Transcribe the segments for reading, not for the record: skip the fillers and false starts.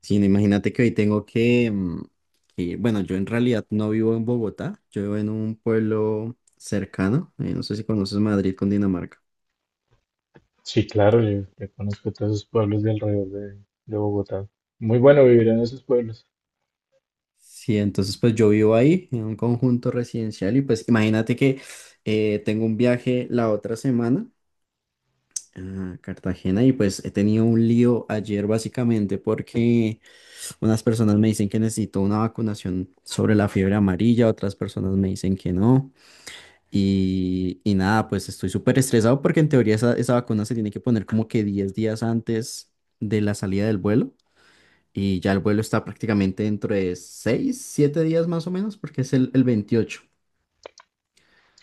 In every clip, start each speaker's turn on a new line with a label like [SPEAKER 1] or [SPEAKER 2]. [SPEAKER 1] Sí, no, imagínate que hoy tengo que, bueno, yo en realidad no vivo en Bogotá, yo vivo en un pueblo cercano, no sé si conoces Madrid con Dinamarca.
[SPEAKER 2] Sí, claro, yo conozco todos esos pueblos de alrededor de Bogotá. Muy bueno vivir en esos pueblos.
[SPEAKER 1] Sí, entonces pues yo vivo ahí en un conjunto residencial y pues imagínate que tengo un viaje la otra semana a Cartagena y pues he tenido un lío ayer básicamente porque unas personas me dicen que necesito una vacunación sobre la fiebre amarilla, otras personas me dicen que no. Y nada, pues estoy súper estresado porque en teoría esa vacuna se tiene que poner como que 10 días antes de la salida del vuelo. Y ya el vuelo está prácticamente dentro de 6 7 días más o menos porque es el veintiocho. Ok.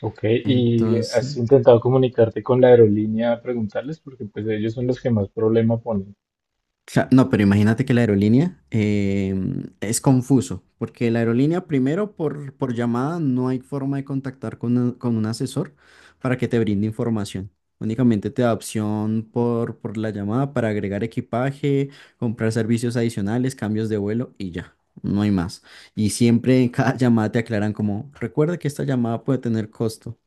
[SPEAKER 2] Ok, ¿y
[SPEAKER 1] Entonces.
[SPEAKER 2] has intentado comunicarte con la aerolínea a preguntarles? Porque pues ellos son los que más problema ponen.
[SPEAKER 1] No, pero imagínate que la aerolínea es confuso, porque la aerolínea primero por llamada no hay forma de contactar con un asesor para que te brinde información. Únicamente te da opción por la llamada para agregar equipaje, comprar servicios adicionales, cambios de vuelo y ya, no hay más. Y siempre en cada llamada te aclaran como, recuerda que esta llamada puede tener costo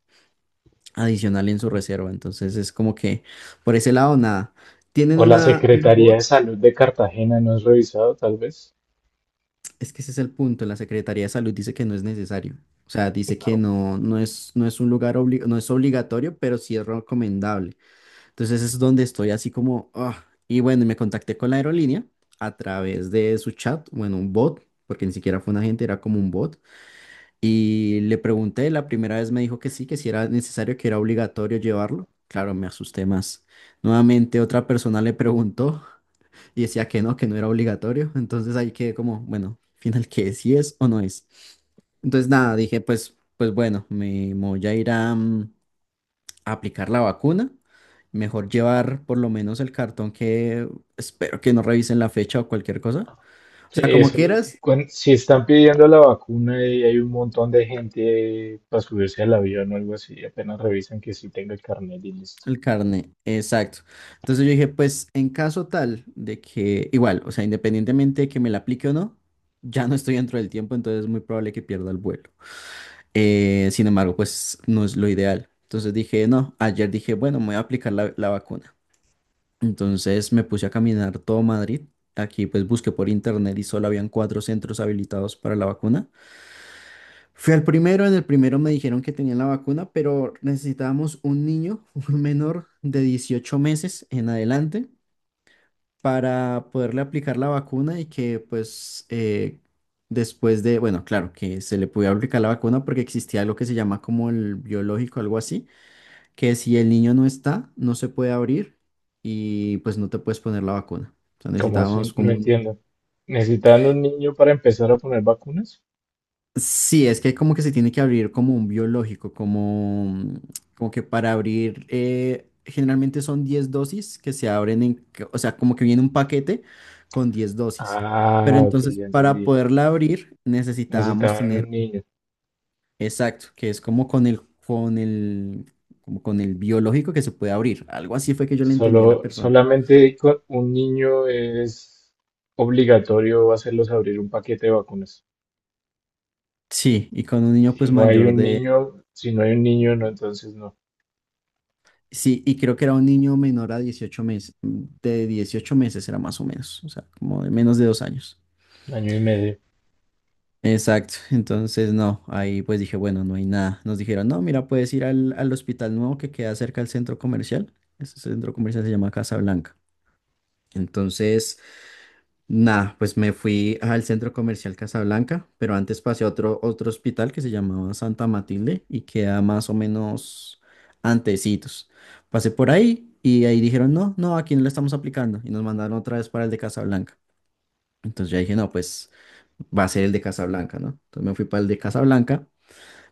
[SPEAKER 1] adicional en su reserva, entonces es como que por ese lado nada. Tienen
[SPEAKER 2] O la
[SPEAKER 1] un
[SPEAKER 2] Secretaría de
[SPEAKER 1] bot.
[SPEAKER 2] Salud de Cartagena, ¿no has revisado tal vez?
[SPEAKER 1] Es que ese es el punto. La Secretaría de Salud dice que no es necesario. O sea, dice que
[SPEAKER 2] No.
[SPEAKER 1] no, no es, no es un lugar obli- no es obligatorio, pero sí es recomendable. Entonces es donde estoy así como, ah. Y bueno, me contacté con la aerolínea a través de su chat, bueno, un bot, porque ni siquiera fue un agente, era como un bot. Y le pregunté, la primera vez me dijo que sí, que si era necesario, que era obligatorio llevarlo. Claro, me asusté más. Nuevamente otra persona le preguntó y decía que no era obligatorio. Entonces ahí quedé como, bueno, final que si es o no es. Entonces nada, dije, pues bueno, me voy a ir a aplicar la vacuna. Mejor llevar por lo menos el cartón que espero que no revisen la fecha o cualquier cosa. O
[SPEAKER 2] Sí,
[SPEAKER 1] sea, como
[SPEAKER 2] eso,
[SPEAKER 1] quieras,
[SPEAKER 2] si están pidiendo la vacuna y hay un montón de gente para subirse al avión o algo así, apenas revisan que sí tenga el carnet y listo.
[SPEAKER 1] el carne, exacto. Entonces yo dije, pues en caso tal de que, igual, o sea, independientemente de que me la aplique o no, ya no estoy dentro del tiempo, entonces es muy probable que pierda el vuelo. Sin embargo, pues no es lo ideal. Entonces dije, no, ayer dije, bueno, me voy a aplicar la vacuna. Entonces me puse a caminar todo Madrid. Aquí pues busqué por internet y solo habían cuatro centros habilitados para la vacuna. Fui al primero, en el primero me dijeron que tenían la vacuna, pero necesitábamos un niño, un menor de 18 meses en adelante para poderle aplicar la vacuna y que pues después de, bueno, claro, que se le pudiera aplicar la vacuna porque existía lo que se llama como el biológico, algo así, que si el niño no está, no se puede abrir y pues no te puedes poner la vacuna. O sea,
[SPEAKER 2] Como así?
[SPEAKER 1] necesitábamos
[SPEAKER 2] No
[SPEAKER 1] como un.
[SPEAKER 2] entiendo. ¿Necesitaban un niño para empezar a poner vacunas?
[SPEAKER 1] Sí, es que como que se tiene que abrir como un biológico, como que para abrir, generalmente son 10 dosis que se abren o sea, como que viene un paquete con 10 dosis. Pero
[SPEAKER 2] Ah, ok,
[SPEAKER 1] entonces
[SPEAKER 2] ya
[SPEAKER 1] para
[SPEAKER 2] entendí.
[SPEAKER 1] poderla abrir necesitábamos
[SPEAKER 2] Necesitaban
[SPEAKER 1] tener,
[SPEAKER 2] un niño.
[SPEAKER 1] exacto, que es con el, como con el biológico que se puede abrir. Algo así fue que yo le entendí a la
[SPEAKER 2] Solo,
[SPEAKER 1] persona.
[SPEAKER 2] solamente con un niño es obligatorio hacerlos abrir un paquete de vacunas.
[SPEAKER 1] Sí, y con un niño
[SPEAKER 2] Si
[SPEAKER 1] pues
[SPEAKER 2] no hay
[SPEAKER 1] mayor.
[SPEAKER 2] un niño, si no hay un niño, no, entonces no.
[SPEAKER 1] Sí, y creo que era un niño menor a 18 meses, de 18 meses era más o menos, o sea, como de menos de dos años.
[SPEAKER 2] Año y medio.
[SPEAKER 1] Exacto, entonces no, ahí pues dije, bueno, no hay nada. Nos dijeron, no, mira, puedes ir al hospital nuevo que queda cerca del centro comercial. Ese centro comercial se llama Casa Blanca. Entonces nah, pues me fui al centro comercial Casablanca, pero antes pasé a otro hospital que se llamaba Santa Matilde y queda más o menos antecitos. Pasé por ahí y ahí dijeron, no, no, aquí no le estamos aplicando y nos mandaron otra vez para el de Casablanca. Entonces ya dije, no, pues va a ser el de Casablanca, ¿no? Entonces me fui para el de Casablanca,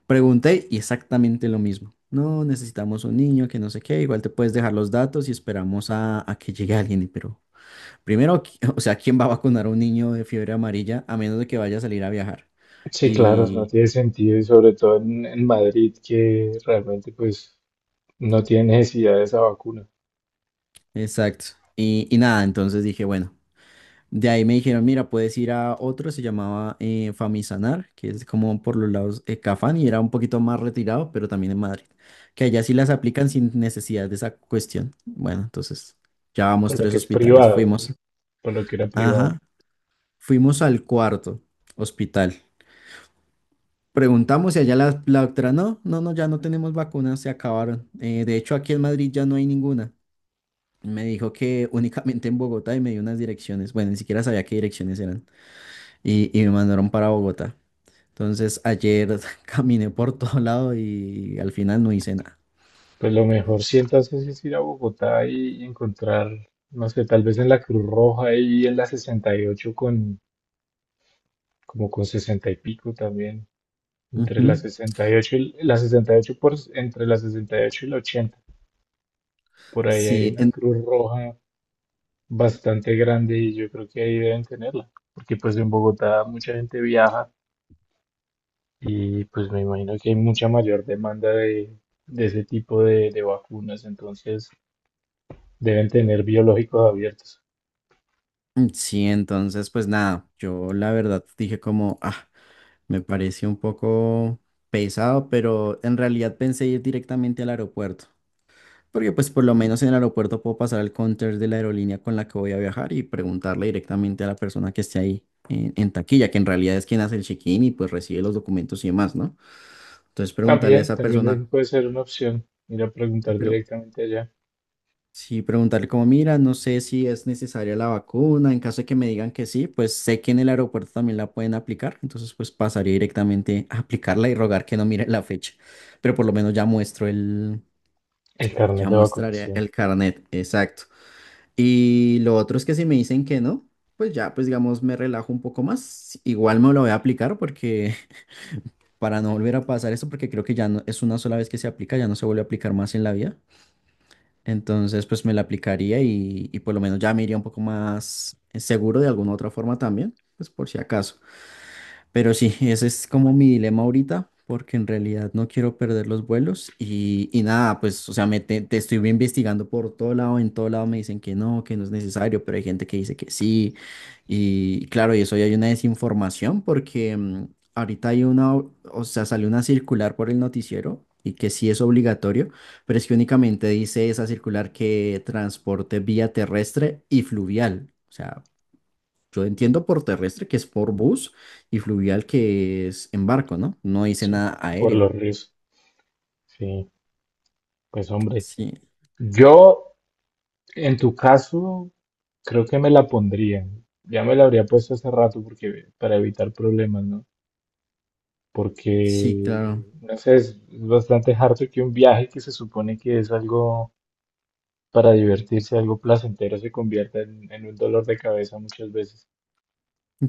[SPEAKER 1] pregunté y exactamente lo mismo. No, necesitamos un niño que no sé qué, igual te puedes dejar los datos y esperamos a que llegue alguien, y pero... Primero, o sea, ¿quién va a vacunar a un niño de fiebre amarilla a menos de que vaya a salir a viajar?
[SPEAKER 2] Sí, claro, no
[SPEAKER 1] Y,
[SPEAKER 2] tiene sentido y sobre todo en Madrid, que realmente pues no tiene necesidad de esa vacuna,
[SPEAKER 1] exacto. Y nada, entonces dije, bueno, de ahí me dijeron, mira, puedes ir a otro, se llamaba Famisanar, que es como por los lados de Cafán y era un poquito más retirado, pero también en Madrid, que allá sí las aplican sin necesidad de esa cuestión. Bueno, entonces ya vamos
[SPEAKER 2] por lo
[SPEAKER 1] tres
[SPEAKER 2] que es
[SPEAKER 1] hospitales,
[SPEAKER 2] privado,
[SPEAKER 1] fuimos,
[SPEAKER 2] por lo que era privado.
[SPEAKER 1] ajá, fuimos al cuarto hospital. Preguntamos y allá la doctora, no, no, no, ya no tenemos vacunas, se acabaron. De hecho, aquí en Madrid ya no hay ninguna. Me dijo que únicamente en Bogotá y me dio unas direcciones. Bueno, ni siquiera sabía qué direcciones eran. Y me mandaron para Bogotá. Entonces, ayer caminé por todo lado y al final no hice nada.
[SPEAKER 2] Pues lo mejor si entonces es ir a Bogotá y encontrar, no sé, tal vez en la Cruz Roja y en la 68 con, como con 60 y pico también, entre la
[SPEAKER 1] Ujú.
[SPEAKER 2] 68 y la 68 por, entre la sesenta y ocho y la 80. Por ahí hay
[SPEAKER 1] Sí,
[SPEAKER 2] una Cruz Roja bastante grande y yo creo que ahí deben tenerla, porque pues en Bogotá mucha gente viaja y pues me imagino que hay mucha mayor demanda de ese tipo de vacunas, entonces deben tener biológicos abiertos.
[SPEAKER 1] sí, entonces, pues nada, yo la verdad dije como, ah, me pareció un poco pesado, pero en realidad pensé ir directamente al aeropuerto. Porque pues por lo menos en el aeropuerto puedo pasar al counter de la aerolínea con la que voy a viajar y preguntarle directamente a la persona que esté ahí en taquilla, que en realidad es quien hace el check-in y pues recibe los documentos y demás, ¿no? Entonces preguntarle a
[SPEAKER 2] También,
[SPEAKER 1] esa
[SPEAKER 2] también
[SPEAKER 1] persona,
[SPEAKER 2] puede ser una opción ir a preguntar
[SPEAKER 1] pero
[SPEAKER 2] directamente allá
[SPEAKER 1] sí, preguntarle como, mira, no sé si es necesaria la vacuna, en caso de que me digan que sí, pues sé que en el aeropuerto también la pueden aplicar, entonces pues pasaría directamente a aplicarla y rogar que no mire la fecha, pero por lo menos
[SPEAKER 2] el carnet
[SPEAKER 1] ya
[SPEAKER 2] de
[SPEAKER 1] mostraré
[SPEAKER 2] vacunación,
[SPEAKER 1] el carnet, exacto. Y lo otro es que si me dicen que no, pues ya, pues digamos, me relajo un poco más. Igual me lo voy a aplicar porque para no volver a pasar eso, porque creo que ya no es una sola vez que se aplica, ya no se vuelve a aplicar más en la vida. Entonces, pues me la aplicaría y por lo menos ya me iría un poco más seguro de alguna otra forma también, pues por si acaso. Pero sí, ese es como mi dilema ahorita, porque en realidad no quiero perder los vuelos y nada, pues, o sea, te estoy investigando por todo lado, en todo lado me dicen que no es necesario, pero hay gente que dice que sí. Y claro, y eso ya hay una desinformación porque ahorita hay una, o sea, salió una circular por el noticiero y que sí es obligatorio, pero es que únicamente dice esa circular que transporte vía terrestre y fluvial. O sea, yo entiendo por terrestre que es por bus y fluvial que es en barco, ¿no? No dice
[SPEAKER 2] sí,
[SPEAKER 1] nada
[SPEAKER 2] por
[SPEAKER 1] aéreo.
[SPEAKER 2] los riesgos. Sí, pues hombre,
[SPEAKER 1] Sí,
[SPEAKER 2] yo en tu caso creo que me la pondría. Ya me la habría puesto hace rato porque para evitar problemas, ¿no? Porque,
[SPEAKER 1] sí, claro.
[SPEAKER 2] no sé, es bastante harto que un viaje que se supone que es algo para divertirse, algo placentero, se convierta en un dolor de cabeza muchas veces.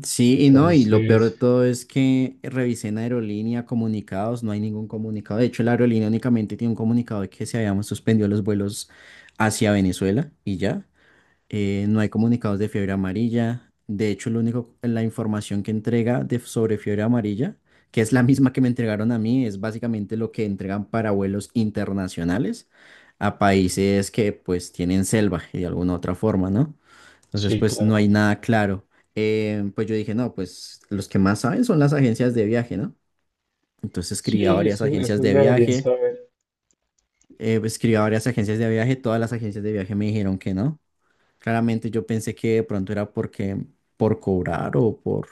[SPEAKER 1] Sí, y no, y lo peor de
[SPEAKER 2] Entonces,
[SPEAKER 1] todo es que revisé en aerolínea comunicados, no hay ningún comunicado. De hecho, la aerolínea únicamente tiene un comunicado de que se habían suspendido los vuelos hacia Venezuela y ya. No hay comunicados de fiebre amarilla. De hecho, lo único, la información que entrega de, sobre fiebre amarilla, que es la misma que me entregaron a mí, es básicamente lo que entregan para vuelos internacionales a países que pues tienen selva y de alguna otra forma, ¿no? Entonces,
[SPEAKER 2] sí,
[SPEAKER 1] pues no
[SPEAKER 2] claro.
[SPEAKER 1] hay nada claro. Pues yo dije, no, pues los que más saben son las agencias de viaje, ¿no? Entonces escribí a
[SPEAKER 2] Sí,
[SPEAKER 1] varias agencias
[SPEAKER 2] esos
[SPEAKER 1] de
[SPEAKER 2] deberían
[SPEAKER 1] viaje,
[SPEAKER 2] saber.
[SPEAKER 1] escribí a varias agencias de viaje, todas las agencias de viaje me dijeron que no. Claramente yo pensé que de pronto era porque por cobrar o por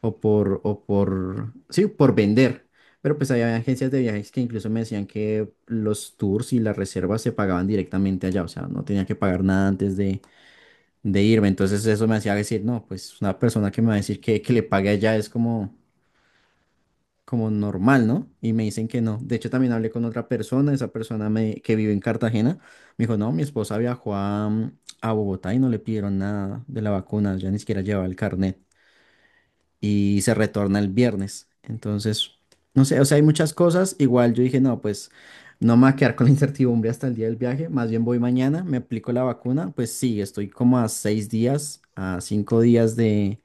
[SPEAKER 1] o por o por sí, por vender. Pero pues había agencias de viajes que incluso me decían que los tours y las reservas se pagaban directamente allá, o sea, no tenía que pagar nada antes de irme. Entonces eso me hacía decir, no, pues una persona que me va a decir que le pague allá es como normal, ¿no? Y me dicen que no. De hecho, también hablé con otra persona, esa que vive en Cartagena, me dijo, no, mi esposa viajó a Bogotá y no le pidieron nada de la vacuna, ya ni siquiera llevaba el carnet y se retorna el viernes. Entonces, no sé, o sea, hay muchas cosas. Igual yo dije, no, pues no me voy a quedar con la incertidumbre hasta el día del viaje, más bien voy mañana, me aplico la vacuna, pues sí, estoy como a seis días, a cinco días de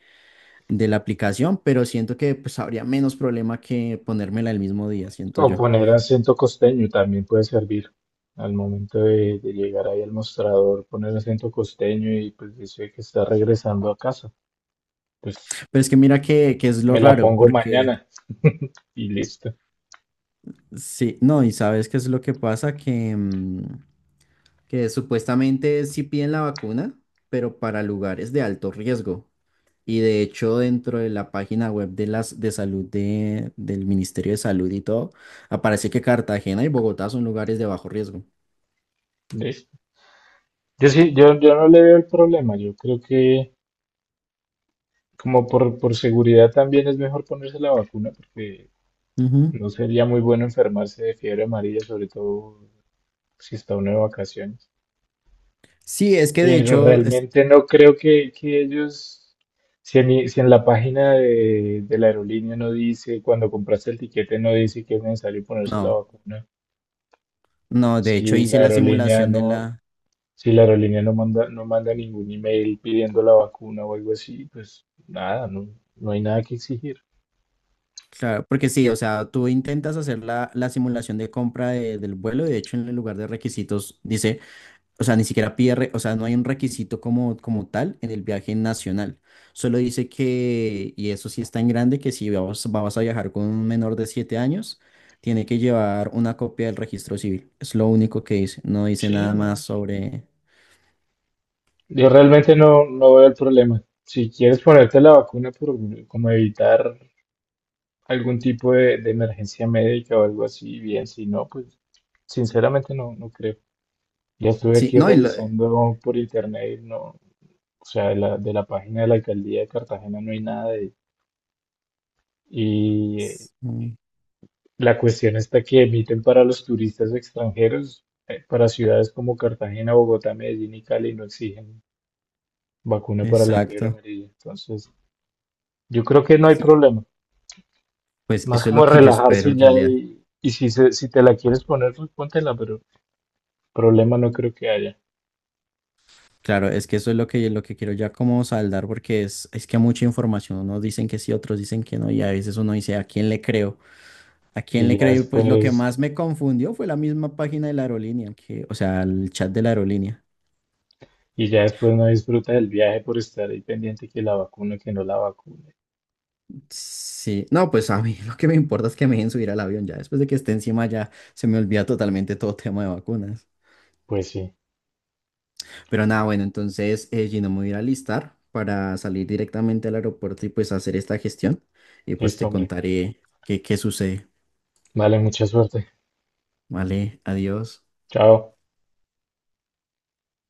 [SPEAKER 1] de la aplicación, pero siento que pues habría menos problema que ponérmela el mismo día, siento
[SPEAKER 2] O
[SPEAKER 1] yo.
[SPEAKER 2] poner acento costeño también puede servir. Al momento de llegar ahí al mostrador, poner acento costeño y pues dice que está regresando a casa. Pues
[SPEAKER 1] Pero es que mira que es lo
[SPEAKER 2] me la
[SPEAKER 1] raro,
[SPEAKER 2] pongo
[SPEAKER 1] porque
[SPEAKER 2] mañana y listo.
[SPEAKER 1] sí, no, y sabes qué es lo que pasa, que supuestamente sí piden la vacuna, pero para lugares de alto riesgo. Y de hecho, dentro de la página web de las de salud de, del Ministerio de Salud y todo, aparece que Cartagena y Bogotá son lugares de bajo riesgo.
[SPEAKER 2] Listo. Yo sí, yo no le veo el problema. Yo creo que como por seguridad también es mejor ponerse la vacuna porque
[SPEAKER 1] Ujú.
[SPEAKER 2] no sería muy bueno enfermarse de fiebre amarilla, sobre todo si está uno de vacaciones.
[SPEAKER 1] Sí, es que de
[SPEAKER 2] Pero
[SPEAKER 1] hecho,
[SPEAKER 2] realmente no creo que ellos, si en, si en la página de la aerolínea no dice, cuando compraste el tiquete no dice que es necesario ponerse la
[SPEAKER 1] no,
[SPEAKER 2] vacuna,
[SPEAKER 1] no, de
[SPEAKER 2] si
[SPEAKER 1] hecho
[SPEAKER 2] la
[SPEAKER 1] hice la
[SPEAKER 2] aerolínea
[SPEAKER 1] simulación de
[SPEAKER 2] no,
[SPEAKER 1] la.
[SPEAKER 2] si la aerolínea no manda, no manda ningún email pidiendo la vacuna o algo así, pues nada, no, no hay nada que exigir.
[SPEAKER 1] Claro, porque sí, o sea, tú intentas hacer la simulación de compra del vuelo, y de hecho en el lugar de requisitos dice, o sea, ni siquiera pide, o sea, no hay un requisito como tal en el viaje nacional. Solo dice que, y eso sí es tan grande, que si vas a viajar con un menor de 7 años, tiene que llevar una copia del registro civil. Es lo único que dice, no dice
[SPEAKER 2] Sí,
[SPEAKER 1] nada más
[SPEAKER 2] no.
[SPEAKER 1] sobre...
[SPEAKER 2] Yo realmente no, no veo el problema. Si quieres ponerte la vacuna por como evitar algún tipo de emergencia médica o algo así, bien, si no, pues sinceramente no, no creo. Ya estuve
[SPEAKER 1] Sí,
[SPEAKER 2] aquí
[SPEAKER 1] no,
[SPEAKER 2] revisando por internet y no, o sea, de la página de la alcaldía de Cartagena no hay nada de- y
[SPEAKER 1] mm.
[SPEAKER 2] la cuestión está que emiten para los turistas extranjeros, para ciudades como Cartagena, Bogotá, Medellín y Cali no exigen vacuna para la fiebre
[SPEAKER 1] Exacto.
[SPEAKER 2] amarilla. Entonces, yo creo que no hay
[SPEAKER 1] Sí,
[SPEAKER 2] problema.
[SPEAKER 1] pues
[SPEAKER 2] Más
[SPEAKER 1] eso es
[SPEAKER 2] como
[SPEAKER 1] lo que yo espero
[SPEAKER 2] relajarse
[SPEAKER 1] en
[SPEAKER 2] ya
[SPEAKER 1] realidad.
[SPEAKER 2] y si si te la quieres poner, pues póntela, pero problema no creo que haya.
[SPEAKER 1] Claro, es que eso es lo que, quiero ya como saldar porque es que mucha información, unos dicen que sí, otros dicen que no y a veces uno dice, ¿a quién le creo? ¿A quién
[SPEAKER 2] Y
[SPEAKER 1] le
[SPEAKER 2] ya
[SPEAKER 1] creo? Y pues lo que
[SPEAKER 2] después
[SPEAKER 1] más me confundió fue la misma página de la aerolínea, que, o sea, el chat de la aerolínea.
[SPEAKER 2] y ya después no disfruta del viaje por estar ahí pendiente que la vacune, que no la vacune.
[SPEAKER 1] Sí, no, pues a mí lo que me importa es que me dejen subir al avión ya, después de que esté encima ya se me olvida totalmente todo tema de vacunas.
[SPEAKER 2] Pues sí,
[SPEAKER 1] Pero nada, bueno, entonces Gino, me voy a ir a alistar para salir directamente al aeropuerto y pues hacer esta gestión y pues
[SPEAKER 2] listo,
[SPEAKER 1] te
[SPEAKER 2] hombre.
[SPEAKER 1] contaré qué sucede.
[SPEAKER 2] Vale, mucha suerte.
[SPEAKER 1] Vale, adiós.
[SPEAKER 2] Chao.